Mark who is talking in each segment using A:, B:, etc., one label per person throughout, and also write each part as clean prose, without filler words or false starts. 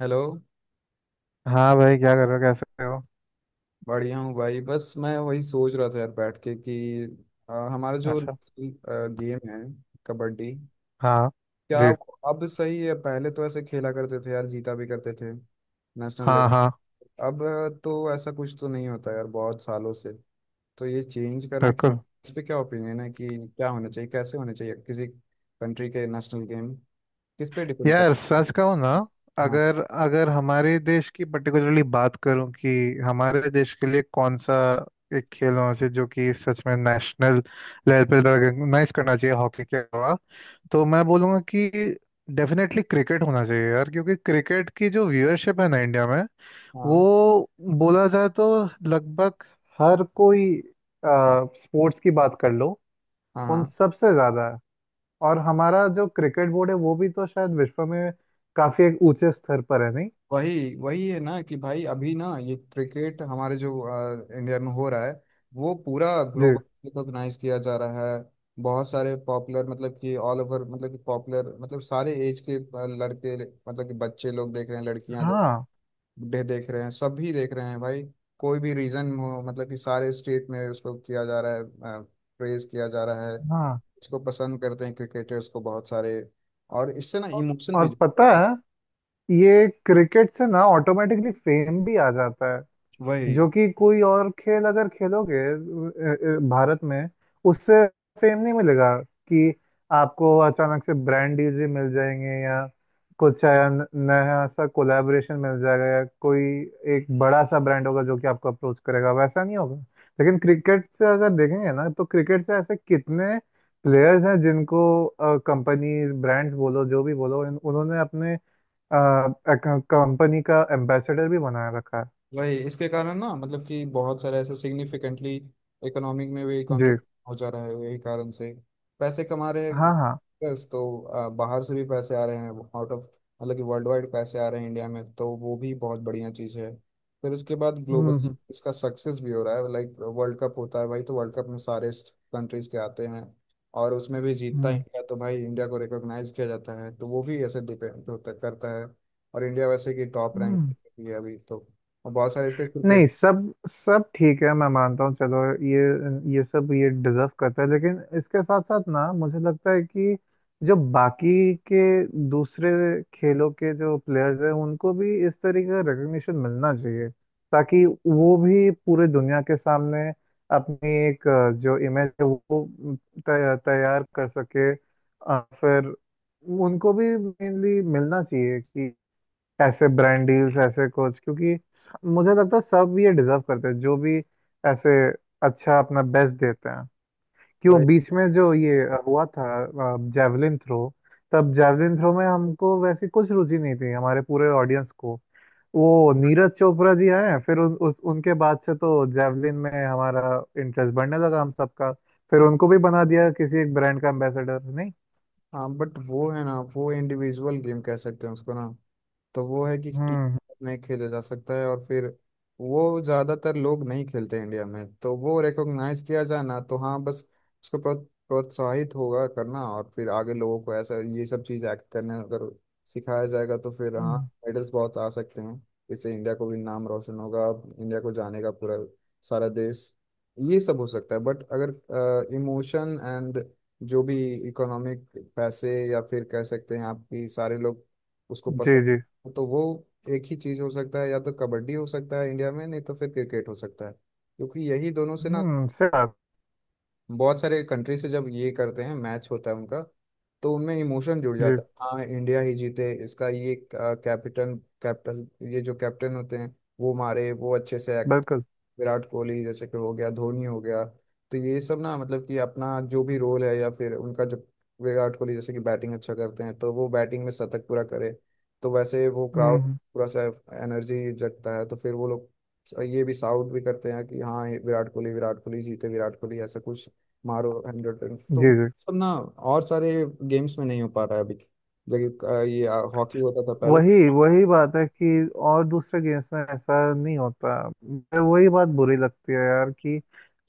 A: Hello.
B: हाँ भाई, क्या कर रहे हो? कैसे हो?
A: बढ़िया हूँ भाई, बस मैं वही सोच रहा था यार बैठ के कि हमारा जो
B: अच्छा।
A: गेम है, कबड्डी,
B: हाँ।
A: क्या
B: जी।
A: वो अब सही है? पहले तो ऐसे खेला करते थे यार, जीता भी करते थे नेशनल
B: हाँ,
A: लेवल।
B: हाँ।
A: अब तो ऐसा कुछ तो नहीं होता यार बहुत सालों से, तो ये चेंज करना,
B: बिल्कुल।
A: इस पे क्या ओपिनियन है कि क्या होना चाहिए, कैसे होने चाहिए किसी कंट्री के नेशनल गेम, किस पे डिपेंड
B: यार,
A: करती है।
B: सच कहूँ ना,
A: हाँ।
B: अगर अगर हमारे देश की पर्टिकुलरली बात करूँ कि हमारे देश के लिए कौन सा एक खेल होना चाहिए जो कि सच में नेशनल लेवल पे रिकॉग्नाइज करना चाहिए हॉकी के अलावा, तो मैं बोलूँगा कि डेफिनेटली क्रिकेट होना चाहिए यार। क्योंकि क्रिकेट की जो व्यूअरशिप है ना इंडिया में,
A: हाँ।
B: वो बोला जाए तो लगभग हर कोई, स्पोर्ट्स की बात कर लो,
A: हाँ।
B: उन
A: हाँ।
B: सबसे ज्यादा है। और हमारा जो क्रिकेट बोर्ड है वो भी तो शायद विश्व में काफी एक ऊंचे स्तर पर है, नहीं?
A: वही वही है ना कि भाई अभी ना ये क्रिकेट हमारे जो इंडिया में हो रहा है, वो पूरा
B: जी।
A: ग्लोबल रिकॉग्नाइज किया जा रहा है। बहुत सारे पॉपुलर, मतलब कि ऑल ओवर, मतलब कि पॉपुलर, मतलब सारे एज के लड़के, मतलब कि बच्चे लोग देख रहे हैं, लड़कियां देख,
B: हाँ,
A: बूढ़े देख रहे हैं, सभी देख रहे हैं भाई। कोई भी रीजन हो, मतलब कि सारे स्टेट में उसको किया जा रहा है, प्रेज किया जा रहा है,
B: हाँ।
A: इसको पसंद करते हैं क्रिकेटर्स को बहुत सारे, और इससे ना
B: औ-
A: इमोशन भी
B: और
A: जुड़ते
B: पता
A: हैं।
B: है, ये क्रिकेट से ना ऑटोमेटिकली फेम भी आ जाता है।
A: वही
B: जो कि कोई और खेल अगर खेलोगे भारत में, उससे फेम नहीं मिलेगा कि आपको अचानक से ब्रांड डील जी मिल जाएंगे, या कुछ नया सा कोलैबोरेशन मिल जाएगा, या कोई एक बड़ा सा ब्रांड होगा जो कि आपको अप्रोच करेगा, वैसा नहीं होगा। लेकिन क्रिकेट से अगर देखेंगे ना, तो क्रिकेट से ऐसे कितने प्लेयर्स हैं जिनको कंपनीज, ब्रांड्स बोलो, जो भी बोलो, उन्होंने अपने कंपनी का एम्बेसडर भी बनाए रखा है।
A: वही इसके कारण ना, मतलब कि बहुत सारे ऐसे सिग्निफिकेंटली इकोनॉमिक में भी
B: जी।
A: कंट्रीब्यूट हो जा रहा है यही कारण से, पैसे कमा रहे हैं
B: हाँ, हाँ।
A: workers, तो बाहर से भी पैसे आ रहे हैं, आउट ऑफ, मतलब कि वर्ल्ड वाइड पैसे आ रहे हैं इंडिया में, तो वो भी बहुत बढ़िया चीज़ है। फिर उसके बाद
B: हम्म।
A: ग्लोबली
B: हम्म।
A: इसका सक्सेस भी हो रहा है, लाइक वर्ल्ड कप होता है भाई, तो वर्ल्ड कप में सारे कंट्रीज के आते हैं, और उसमें भी जीतता है
B: हम्म।
A: इंडिया, तो भाई इंडिया को रिकॉग्नाइज किया जाता है, तो वो भी ऐसे डिपेंड होता करता है। और इंडिया वैसे कि टॉप रैंक
B: हम्म।
A: पे भी है अभी तो, और बहुत सारे इस पे
B: नहीं,
A: क्रिकेट।
B: सब सब ठीक है, मैं मानता हूँ। चलो, ये सब ये डिजर्व करता है, लेकिन इसके साथ साथ ना, मुझे लगता है कि जो बाकी के दूसरे खेलों के जो प्लेयर्स हैं, उनको भी इस तरीके का रिकग्निशन मिलना चाहिए, ताकि वो भी पूरे दुनिया के सामने अपनी एक, जो इमेज है वो तैयार कर सके। फिर उनको भी मेनली मिलना चाहिए कि ऐसे ब्रांड डील्स, ऐसे कुछ। क्योंकि मुझे लगता है सब ये डिजर्व करते हैं, जो भी ऐसे अच्छा अपना बेस्ट देते हैं। क्यों
A: वही।
B: बीच में जो ये हुआ था, जैवलिन थ्रो? तब जैवलिन थ्रो में हमको वैसी कुछ रुचि नहीं थी, हमारे पूरे ऑडियंस को। वो नीरज चोपड़ा जी आए, फिर उन, उस उनके बाद से तो जैवलिन में हमारा इंटरेस्ट बढ़ने लगा, हम सबका। फिर उनको भी बना दिया किसी एक ब्रांड का एम्बेसडर, नहीं?
A: हाँ, बट वो है ना, वो इंडिविजुअल गेम कह सकते हैं उसको ना, तो वो है कि टीम
B: हम्म।
A: नहीं खेला जा सकता है, और फिर वो ज़्यादातर लोग नहीं खेलते इंडिया में, तो वो रिकॉग्नाइज किया जाए ना, तो हाँ बस उसको प्रोत्साहित होगा करना, और फिर आगे लोगों को ऐसा ये सब चीज़ एक्ट करने अगर सिखाया जाएगा तो फिर हाँ,
B: हम्म,
A: मेडल्स बहुत आ सकते हैं, इससे इंडिया को भी नाम रोशन होगा, इंडिया को जानेगा पूरा सारा देश। ये सब हो सकता है, बट अगर इमोशन एंड जो भी इकोनॉमिक पैसे, या फिर कह सकते हैं आपकी सारे लोग उसको
B: जी जी।
A: पसंद, तो वो एक ही चीज हो सकता है, या तो कबड्डी हो सकता है इंडिया में, नहीं तो फिर क्रिकेट हो सकता है, क्योंकि यही दोनों से ना
B: हम्म, सही बात।
A: बहुत सारे कंट्री से जब ये करते हैं, मैच होता है उनका, तो उनमें इमोशन जुड़
B: जी।
A: जाता है, हाँ इंडिया ही जीते, इसका ये कैप्टन, कैप्टन, ये जो कैप्टन होते हैं वो मारे, वो अच्छे से एक्ट,
B: बिल्कुल।
A: विराट कोहली जैसे कि हो गया, धोनी हो गया, तो ये सब ना मतलब कि अपना जो भी रोल है, या फिर उनका जो, विराट कोहली जैसे कि बैटिंग अच्छा करते हैं, तो वो बैटिंग में शतक पूरा करे, तो वैसे वो क्राउड
B: हम्म।
A: पूरा सा एनर्जी जगता है, तो फिर वो लोग ये भी साउट भी करते हैं कि हाँ ये विराट कोहली, विराट कोहली जीते, विराट कोहली, ऐसा कुछ मारो हंड्रेड रन, तो
B: जी, जी।
A: सब ना, और सारे गेम्स में नहीं हो पा रहा है अभी, जबकि ये हॉकी होता था पहले।
B: वही वही बात है कि और दूसरे गेम्स में ऐसा नहीं होता, मुझे वही बात बुरी लगती है यार कि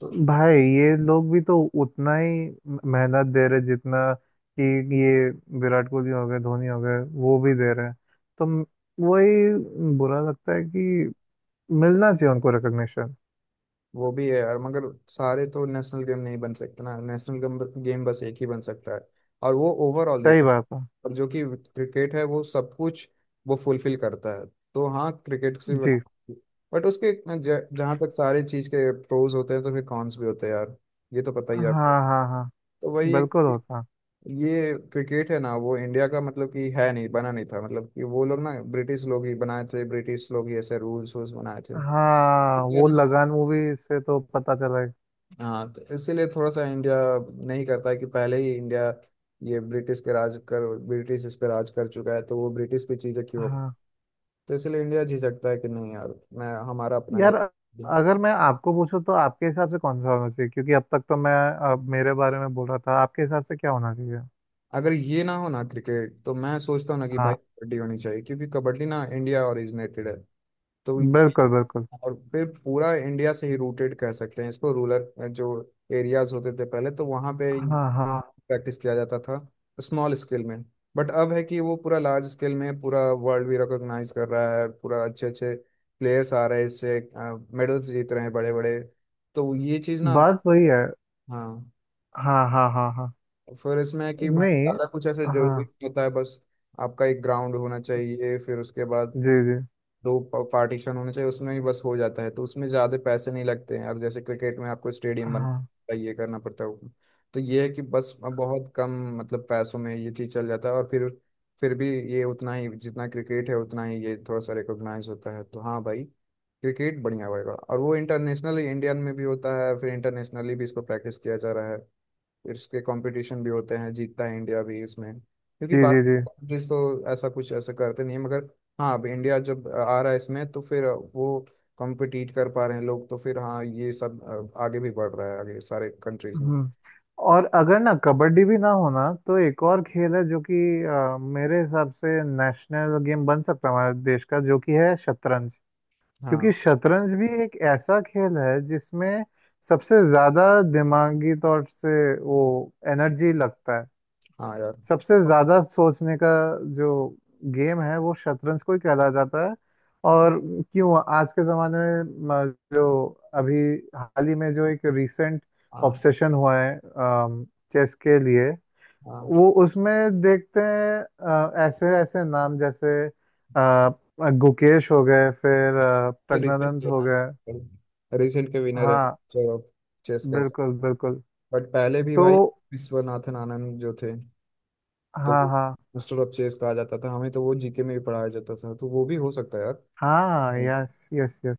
A: तो
B: भाई ये लोग भी तो उतना ही मेहनत दे रहे, जितना कि ये विराट कोहली हो गए, धोनी हो गए, वो भी दे रहे हैं। तो वही बुरा लगता है कि मिलना चाहिए उनको रिकग्निशन।
A: वो भी है यार, मगर सारे तो नेशनल गेम नहीं बन सकते ना, नेशनल गेम, गेम बस एक ही बन सकता है, और वो ओवरऑल
B: सही
A: देखा,
B: बात है।
A: और जो कि क्रिकेट है वो सब कुछ वो फुलफिल करता है, तो हाँ क्रिकेट से भी बना,
B: जी।
A: बट उसके जहाँ तक सारी चीज के प्रोज होते हैं तो फिर कॉन्स भी होते हैं यार, ये तो पता ही
B: हाँ,
A: है आपको।
B: हाँ, हाँ।
A: तो वही है
B: बिल्कुल
A: कि
B: होता।
A: ये क्रिकेट है ना वो इंडिया का मतलब कि है नहीं, बना नहीं था, मतलब कि वो लोग ना, ब्रिटिश लोग ही बनाए थे, ब्रिटिश लोग ही ऐसे रूल्स वूल्स बनाए थे।
B: हाँ, वो लगान मूवी से तो पता चला है।
A: हाँ, तो इसीलिए थोड़ा सा इंडिया नहीं करता है कि पहले ही इंडिया ये ब्रिटिश के राज कर, ब्रिटिश इस पे राज कर चुका है, तो वो ब्रिटिश की चीज़ें क्यों,
B: हाँ
A: तो इसलिए इंडिया झिझकता है कि नहीं यार, मैं हमारा अपना ये।
B: यार, अगर मैं आपको पूछूं तो आपके हिसाब से कौन सा होना चाहिए? क्योंकि अब तक तो मैं मेरे बारे में बोल रहा था। आपके हिसाब से क्या होना चाहिए?
A: अगर ये ना हो ना क्रिकेट, तो मैं सोचता हूँ ना कि भाई
B: हाँ।
A: कबड्डी होनी चाहिए, क्योंकि कबड्डी ना इंडिया ओरिजिनेटेड है, तो ये-,
B: बिल्कुल, बिल्कुल।
A: और फिर पूरा इंडिया से ही रूटेड कह सकते हैं इसको, रूरल जो एरियाज होते थे पहले, तो वहाँ पे
B: हाँ, हाँ।
A: प्रैक्टिस किया जाता था स्मॉल स्केल में, बट अब है कि वो पूरा लार्ज स्केल में, पूरा वर्ल्ड भी रिकॉग्नाइज कर रहा है, पूरा अच्छे अच्छे प्लेयर्स आ रहे हैं इससे, मेडल्स जीत रहे हैं बड़े बड़े, तो ये चीज़ ना।
B: बात वही है।
A: हाँ।
B: हाँ, हाँ, हाँ, हाँ।
A: फिर इसमें है कि भाई
B: नहीं।
A: ज़्यादा कुछ ऐसे जरूरी नहीं
B: हाँ।
A: होता है, बस आपका एक ग्राउंड होना चाहिए, फिर उसके बाद
B: जी, जी।
A: दो पार्टीशन होने चाहिए, उसमें ही बस हो जाता है, तो उसमें ज़्यादा पैसे नहीं लगते हैं, और जैसे क्रिकेट में आपको स्टेडियम
B: हाँ।
A: बनना ये करना पड़ता है, तो ये है कि बस बहुत कम मतलब पैसों में ये चीज़ चल जाता है, और फिर भी ये उतना ही जितना क्रिकेट है उतना ही ये थोड़ा सा रिकॉग्नाइज होता है, तो हाँ भाई क्रिकेट बढ़िया होएगा, और वो इंटरनेशनली इंडियन में भी होता है, फिर इंटरनेशनली भी इसको प्रैक्टिस किया जा रहा है, फिर उसके कंपटीशन भी होते हैं, जीतता है इंडिया भी इसमें, क्योंकि
B: जी, जी, जी।
A: बाकी कंट्रीज तो ऐसा कुछ ऐसा करते नहीं है, मगर हाँ अब इंडिया जब आ रहा है इसमें तो फिर वो कॉम्पिटिट कर पा रहे हैं लोग, तो फिर हाँ ये सब आगे भी बढ़ रहा है, आगे सारे कंट्रीज में।
B: हम्म। और अगर ना कबड्डी भी ना होना, तो एक और खेल है जो कि, मेरे हिसाब से नेशनल गेम बन सकता है हमारे देश का, जो कि है शतरंज।
A: हाँ।
B: क्योंकि शतरंज भी एक ऐसा खेल है जिसमें सबसे ज्यादा दिमागी तौर से वो एनर्जी लगता है।
A: हाँ यार।
B: सबसे
A: अब-
B: ज्यादा सोचने का जो गेम है, वो शतरंज को ही कहला जाता है। और क्यों आज के जमाने में, जो अभी हाल ही में जो एक रिसेंट
A: हाँ
B: ऑब्सेशन हुआ है चेस के लिए,
A: हाँ,
B: वो उसमें देखते हैं ऐसे ऐसे नाम, जैसे गुकेश हो गए, फिर
A: ये रिसेंट
B: प्रज्ञानंद
A: के
B: हो
A: ना,
B: गए।
A: रिसेंट के विनर है।
B: हाँ,
A: चलो, चेस का,
B: बिल्कुल बिल्कुल।
A: बट पहले भी
B: तो
A: भाई विश्वनाथन आनंद जो थे, तो
B: हाँ।
A: वो
B: हाँ,
A: मास्टर ऑफ चेस कहा जाता था, हमें तो वो जीके में भी पढ़ाया जाता था, तो वो भी हो सकता है यार।
B: हाँ। Yes, yes, yes.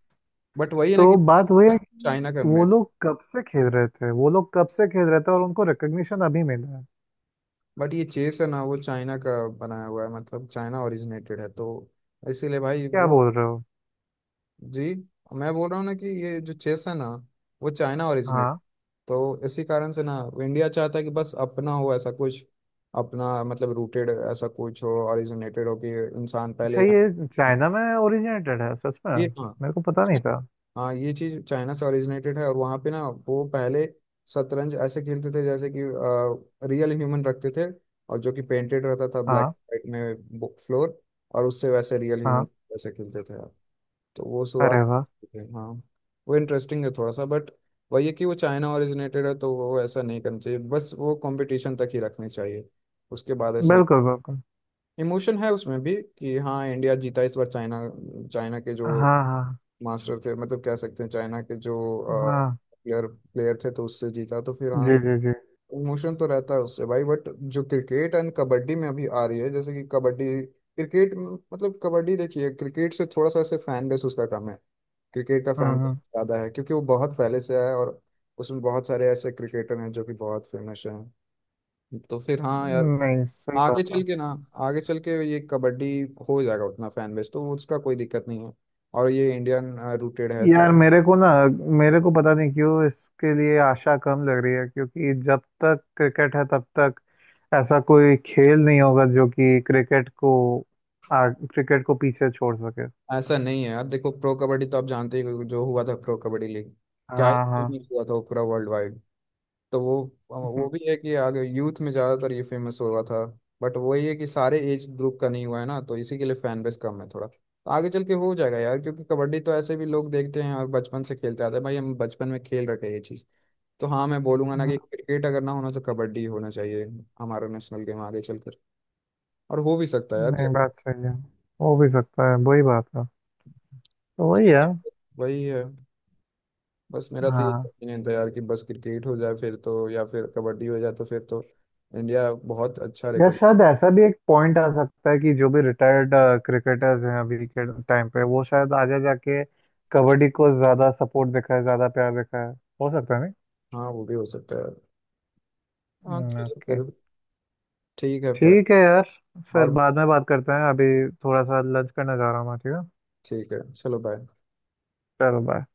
A: बट वही है ना
B: तो
A: कि
B: बात वही है कि
A: चाइना का
B: वो
A: मेड,
B: लोग कब से खेल रहे थे, वो लोग कब से खेल रहे थे, और उनको रिकग्निशन अभी मिला है।
A: बट ये चेस है ना वो चाइना का बनाया हुआ है, मतलब चाइना ओरिजिनेटेड है, तो इसीलिए भाई
B: क्या
A: वो।
B: बोल रहे हो?
A: जी, मैं बोल रहा हूँ ना कि ये जो चेस है ना वो चाइना ओरिजिनेट,
B: हाँ।
A: तो इसी कारण से ना इंडिया चाहता है कि बस अपना हो ऐसा कुछ, अपना मतलब रूटेड ऐसा कुछ हो, ओरिजिनेटेड हो कि इंसान
B: अच्छा,
A: पहले यहाँ,
B: ये चाइना में ओरिजिनेटेड है सच में?
A: ये। हाँ,
B: मेरे को पता नहीं था।
A: हाँ ये चीज चाइना से ओरिजिनेटेड है, और वहाँ पे ना वो पहले शतरंज ऐसे खेलते थे जैसे कि रियल ह्यूमन रखते थे, और जो कि पेंटेड रहता था ब्लैक
B: हाँ,
A: वाइट में फ्लोर, और उससे वैसे रियल ह्यूमन
B: हाँ।
A: वैसे खेलते थे आप, तो वो
B: अरे
A: शुरुआत
B: वाह।
A: थे। हाँ, वो इंटरेस्टिंग है थोड़ा सा, बट वही है कि वो चाइना ओरिजिनेटेड है, तो वो ऐसा नहीं करना चाहिए, बस वो कंपटीशन तक ही रखनी चाहिए, उसके बाद ऐसे नहीं।
B: बिल्कुल बिल्कुल।
A: इमोशन है उसमें भी कि हाँ इंडिया जीता इस बार चाइना, चाइना के जो
B: हाँ, हाँ,
A: मास्टर थे, मतलब कह सकते हैं चाइना के जो
B: हाँ।
A: प्लेयर प्लेयर थे, तो उससे जीता, तो फिर हाँ
B: जी, जी, जी।
A: इमोशन तो रहता है उससे भाई, बट जो क्रिकेट एंड कबड्डी में अभी आ रही है, जैसे कि कबड्डी, क्रिकेट मतलब कबड्डी देखिए क्रिकेट से थोड़ा सा ऐसे फैन बेस उसका कम है, क्रिकेट का फैन बेस
B: हम्म।
A: ज़्यादा है, क्योंकि वो बहुत पहले से है, और उसमें बहुत सारे ऐसे क्रिकेटर हैं जो कि बहुत फेमस हैं, तो फिर हाँ यार
B: नहीं, सही
A: आगे
B: बात है।
A: चल के ना, आगे चल के ये कबड्डी हो जाएगा उतना फैन बेस, तो उसका कोई दिक्कत नहीं है, और ये इंडियन रूटेड है तो।
B: यार मेरे को ना, मेरे को पता नहीं क्यों इसके लिए आशा कम लग रही है। क्योंकि जब तक क्रिकेट है तब तक ऐसा कोई खेल नहीं होगा जो कि क्रिकेट को, क्रिकेट को पीछे छोड़ सके।
A: ऐसा नहीं है यार, देखो प्रो कबड्डी तो आप जानते ही हो, जो हुआ था प्रो कबड्डी लीग, क्या ही
B: हाँ, हाँ।
A: फेमस हुआ था वो पूरा वर्ल्ड वाइड, तो वो
B: हम्म।
A: भी है कि आगे यूथ में ज़्यादातर ये फेमस हुआ था, बट वही है कि सारे एज ग्रुप का नहीं हुआ है ना, तो इसी के लिए फैन बेस कम है थोड़ा, तो आगे चल के हो जाएगा यार, क्योंकि कबड्डी तो ऐसे भी लोग देखते हैं और बचपन से खेलते आते हैं भाई, हम बचपन में खेल रखे हैं ये चीज़, तो हाँ मैं बोलूंगा ना
B: हम्म।
A: कि क्रिकेट अगर ना होना तो कबड्डी होना चाहिए हमारा नेशनल गेम आगे चलकर, और हो भी सकता है यार
B: नहीं,
A: जरूर।
B: बात सही है। हो भी सकता है, वही बात है, तो वही है।
A: ठीक। वही है। बस मेरा तो ये
B: हाँ।
A: ओपिनियन था यार कि बस क्रिकेट हो जाए फिर तो, या फिर कबड्डी हो जाए तो फिर तो इंडिया बहुत अच्छा
B: या
A: रिकॉर्ड।
B: शायद ऐसा भी एक पॉइंट आ सकता है कि जो भी रिटायर्ड क्रिकेटर्स हैं अभी के टाइम पे, वो शायद आगे जाके कबड्डी को ज्यादा सपोर्ट दिखाए, ज्यादा प्यार दिखाए। हो सकता है।
A: हाँ वो भी हो सकता है। हाँ
B: नहीं,
A: चलो
B: ओके।
A: फिर, ठीक है फिर।
B: ठीक है यार। फिर
A: और
B: बाद में बात करते हैं। अभी थोड़ा सा लंच करने जा रहा हूँ मैं, ठीक है?
A: ठीक है, चलो बाय।
B: चलो बाय।